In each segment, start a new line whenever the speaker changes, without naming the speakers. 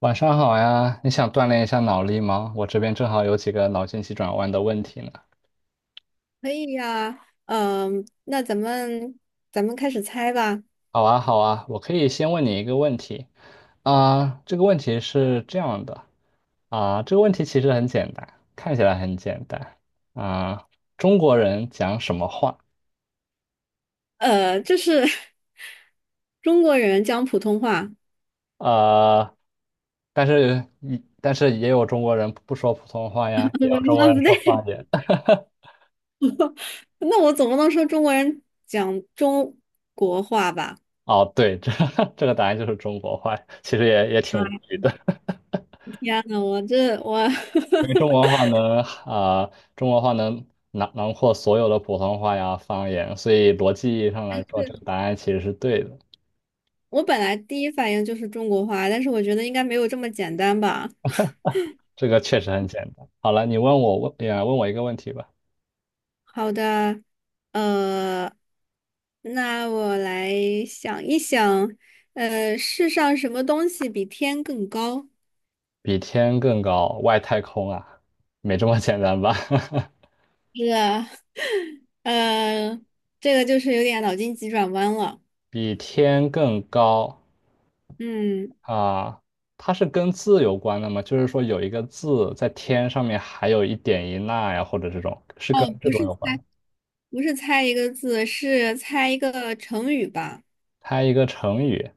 晚上好呀，你想锻炼一下脑力吗？我这边正好有几个脑筋急转弯的问题呢。
可以呀，嗯，那咱们开始猜吧。
好啊，好啊，我可以先问你一个问题。这个问题是这样的。这个问题其实很简单，看起来很简单啊，中国人讲什么话？
呃，就是 中国人讲普通话，
呃，但是但是也有中国人不说普通话
不
呀，也
对，
有中国
啊
人
不
说
对，
方言。
那我总不能说中国人讲中国话吧？
哦，对，这 这个答案就是中国话，其实也挺
啊，
无语的。
天呐，我
因 为中国话能中国话能囊括所有的普通话呀方言，所以逻辑意义上来说，这个答案其实是对的。
我本来第一反应就是中国话，但是我觉得应该没有这么简单吧。
这个确实很简单。好了，你问我问，也问我一个问题吧。
好的，呃，那我来想一想，呃，世上什么东西比天更高？
比天更高，外太空啊，没这么简单吧？
是啊，呃，这个就是有点脑筋急转弯了。
比天更高
嗯，
啊，它是跟字有关的吗？就是说有一个字在天上面，还有一点一捺呀，或者这种，是跟
哦，
这
不
种
是
有关
猜，不是猜一个字，是猜一个成语吧？
猜一个成语，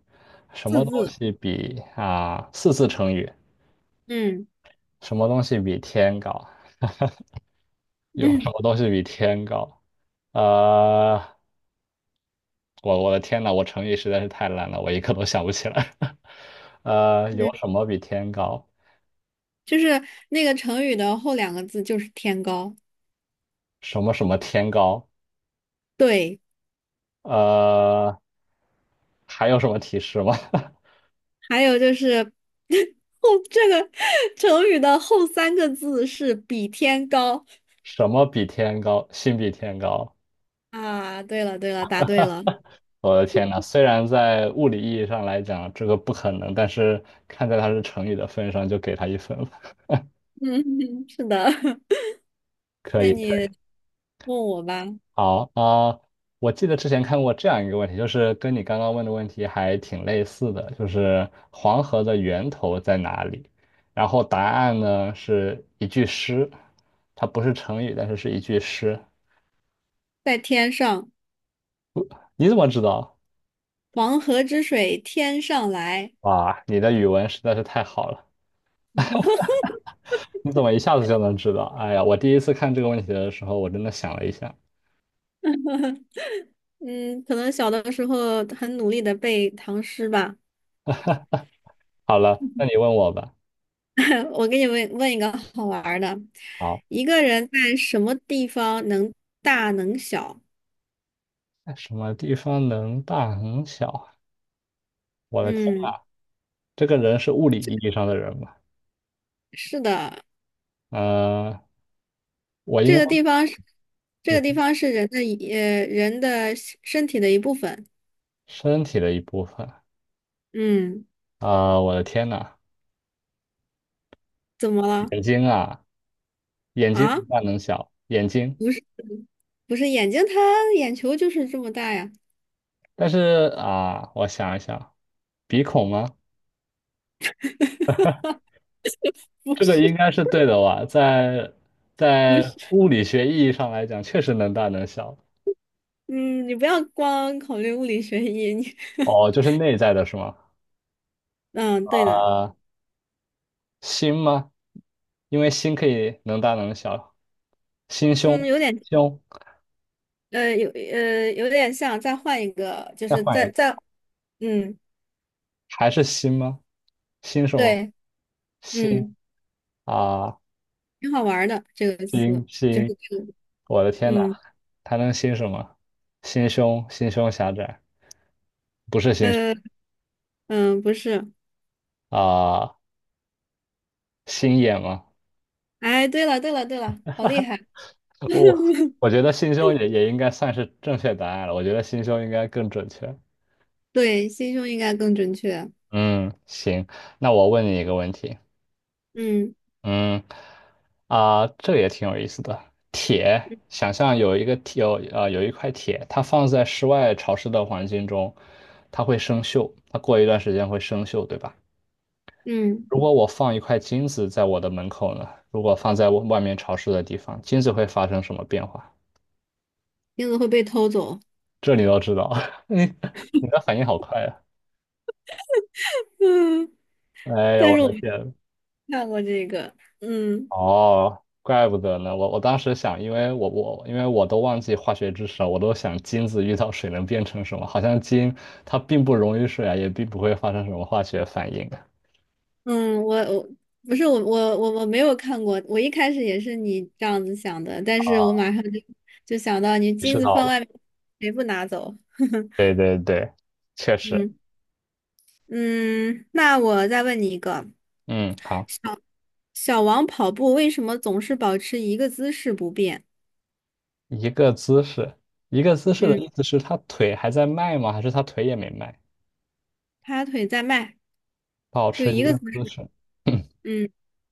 什
四
么东
字。
西比四字成语？
嗯。
什么东西比天高？有什
嗯
么东西比天高？呃，我的天呐，我成语实在是太烂了，我一个都想不起来。有
嗯，
什么比天高？
就是那个成语的后两个字就是天高。
什么什么天高？
对，
呃，还有什么提示吗？
还有就是 后这个成语的后三个字是比天高。
什么比天高？心比天高？
啊，对了对了，答对了。
我的天呐，虽然在物理意义上来讲这个不可能，但是看在它是成语的份上，就给它一分吧。
嗯，是的。
可
那
以，可
你
以
问我吧。
好啊，我记得之前看过这样一个问题，就是跟你刚刚问的问题还挺类似的，就是黄河的源头在哪里？然后答案呢是一句诗，它不是成语，但是是一句诗。
在天上。
你怎么知道？
“黄河之水天上来”。
哇，你的语文实在是太好了，你怎么一下子就能知道？哎呀，我第一次看这个问题的时候，我真的想了一下。
嗯，可能小的时候很努力的背唐诗吧。
好了，那你 问我吧。
我给你问一个好玩儿的：
好，
一个人在什么地方能大能小？
在什么地方能大能小啊我的天
嗯，
啊，这个人是物理意义上的人吗？
是的，
嗯，我应
这
该
个地方是这个地
你
方是人的一，呃人的身体的一部分。
身体的一部分。
嗯，
我的天呐，
怎么了？
眼睛啊，眼睛
啊，
能大能小，眼睛。
不是，不是眼睛它，眼球就是这么大呀。
但是我想一想，鼻孔吗？这个应该是对的吧？
不
在
是，
物理学意义上来讲，确实能大能小。
嗯，你不要光考虑物理学意，你
哦，就是内在的是吗？
嗯，对
啊、
的，
心吗？因为心可以能大能小，心
嗯，
胸
有点，
胸，
有点像，再换一个，就
再
是
换一
再
个，
再，嗯，
还是心吗？心什么？
对，
心
嗯，
啊，
挺好玩儿的这个词，
心
就是
心，
这个，
我的天呐，
嗯，
还能心什么？心胸，心胸狭窄，不是心胸
呃，嗯，不是，
啊，心眼吗？
哎，对了，对了，对了，好厉害，
我我 觉得心胸也应该算是正确答案了，我觉得心胸应该更准确。
对，心胸应该更准确，
嗯，行，那我问你一个问题，
嗯。
嗯。啊，这也挺有意思的。铁，想象有一个铁，有一块铁，它放在室外潮湿的环境中，它会生锈，它过一段时间会生锈，对吧？
嗯，
如果我放一块金子在我的门口呢？如果放在外面潮湿的地方，金子会发生什么变化？
钉子会被偷走，
这你都知道，你你的反应好快啊！
嗯，
哎呀，
但
我
是我
的
没
天，
看过这个，嗯。
哦，怪不得呢。我当时想，因为我因为我都忘记化学知识了，我都想金子遇到水能变成什么？好像金它并不溶于水啊，也并不会发生什么化学反应。
嗯，我不是我没有看过，我一开始也是你这样子想的，但是我马上就就想到你
意
金
识
子
到
放
了。
外面，谁不拿走？
对对对，确实。
嗯。嗯，那我再问你一个，
嗯，好，
小小王跑步为什么总是保持一个姿势不变？
一个姿势，一个姿势的
嗯，
意思是他腿还在迈吗？还是他腿也没迈？
他腿在迈，
保
就
持
一
一
个
个
姿
姿
势。
势，
嗯，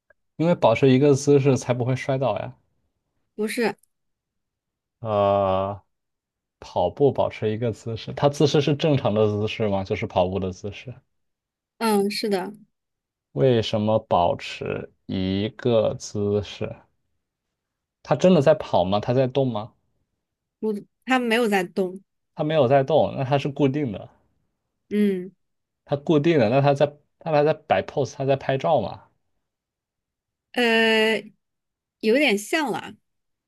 因为保持一个姿势才不会摔倒呀。
不是，
呃，跑步保持一个姿势，它姿势是正常的姿势吗？就是跑步的姿势。
嗯，是的，
为什么保持一个姿势？它真的在跑吗？它在动吗？
不，他没有在动。
它没有在动，那它是固定的，
嗯，
它固定的，那它在，那它在摆 pose，它在拍照嘛，
呃，有点像了。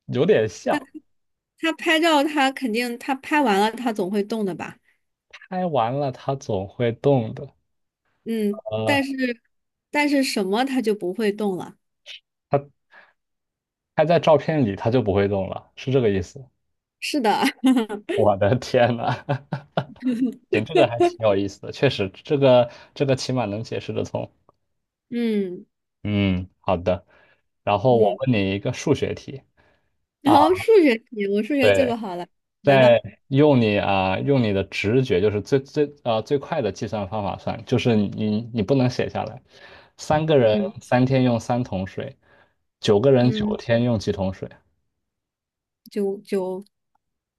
有点像。
他拍照，他肯定他拍完了，他总会动的吧？
拍完了，它总会动的。
嗯，但
呃，
是但是什么他就不会动了。
它拍在照片里，它就不会动了，是这个意思。
是的，
我的天呐！行，这个还挺有意思的，确实，这个起码能解释得通。
嗯。
嗯，好的。然后我
嗯。
问你一个数学题
然
啊，
后数学题，我数学最不
对，
好了，来吧，
在用你、用你的直觉，就是最快的计算方法算，就是你不能写下来。三个人
嗯。
三天用三桶水，九个人九
嗯，
天用几桶水？
九九，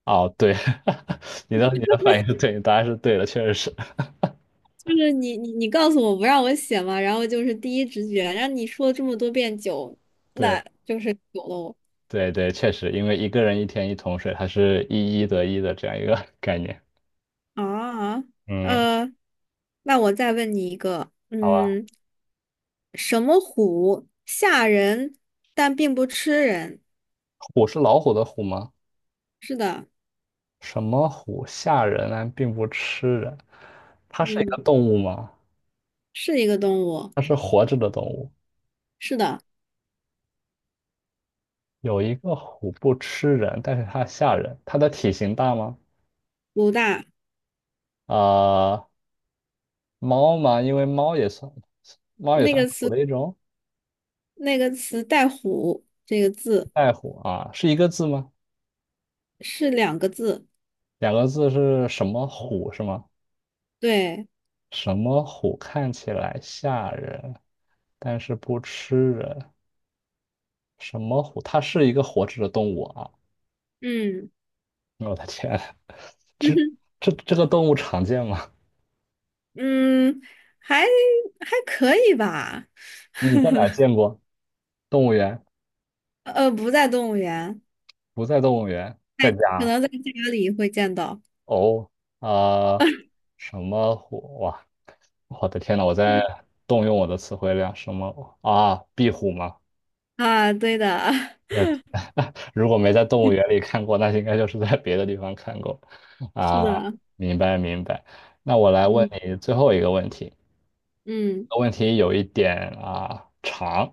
哦，对，你的反应是对，答案是对的，确实是
就是你告诉我不让我写嘛，然后就是第一直觉，让你说了这么多遍九，
对
那就是九喽。
对对，确实，因为一个人一天一桶水，它是一一得一的这样一个 概念。
啊，啊，
嗯，
呃，那我再问你一个，
好吧，
嗯。什么虎吓人，但并不吃人。
虎是老虎的虎吗？
是的，
什么虎吓人但并不吃人？它是一个
嗯，
动物吗？
是一个动物。
它是活着的动物。
是的，
有一个虎不吃人，但是它吓人。它的体型大吗？
鲁大
呃，猫吗？因为猫也
那
算
个
是虎
词，
的一种。
那个词带“虎”这个字
爱虎啊，是一个字吗？
是两个字。
两个字是什么虎是吗？
对，
什么虎看起来吓人，但是不吃人？什么虎？它是一个活着的动物啊！
嗯，
我的天，这
嗯。
这这个动物常见吗？
还还可以吧。
你在哪儿见过？动物园？
呃，呃不在动物园，
不在动物园，在
可
家。
能在家里会见到。
哦，啊、什么虎？哇，我的天呐，我在动用我的词汇量。什么啊？壁虎吗？
啊，对的，
那 如果没在动物园里看过，那应该就是在别的地方看过。
是
啊，
的，
明白明白。那我来问
嗯。
你最后一个问题，
嗯。
个问题有一点长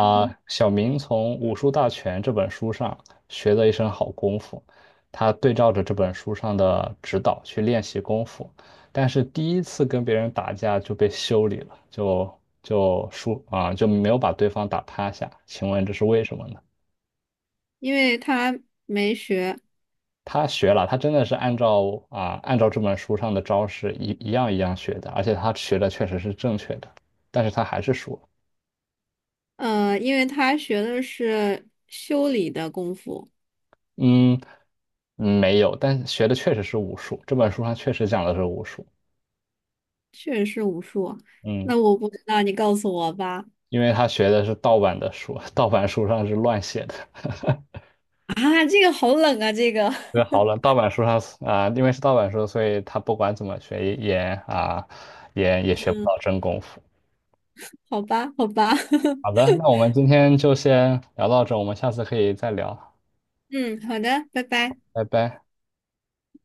嗯，
小明从《武术大全》这本书上学了一身好功夫，他对照着这本书上的指导去练习功夫，但是第一次跟别人打架就被修理了，就输啊，就没有把对方打趴下。请问这是为什么呢？
因为他没学。
他学了，他真的是按照按照这本书上的招式一样一样学的，而且他学的确实是正确的，但是他还是输了。
呃，因为他学的是修理的功夫，
嗯，嗯，没有，但学的确实是武术。这本书上确实讲的是武术，
确实是武术。
嗯，
那我不知道，你告诉我吧。
因为他学的是盗版的书，盗版书上是乱写的。
啊，这个好冷啊，这个。
这好了，盗版书上因为是盗版书，所以他不管怎么学也啊、也学不
嗯，
到真功夫。
好吧，好吧。
好 的，那我们今天就先聊到这，我们下次可以再聊，
嗯，好的，拜拜。
拜拜。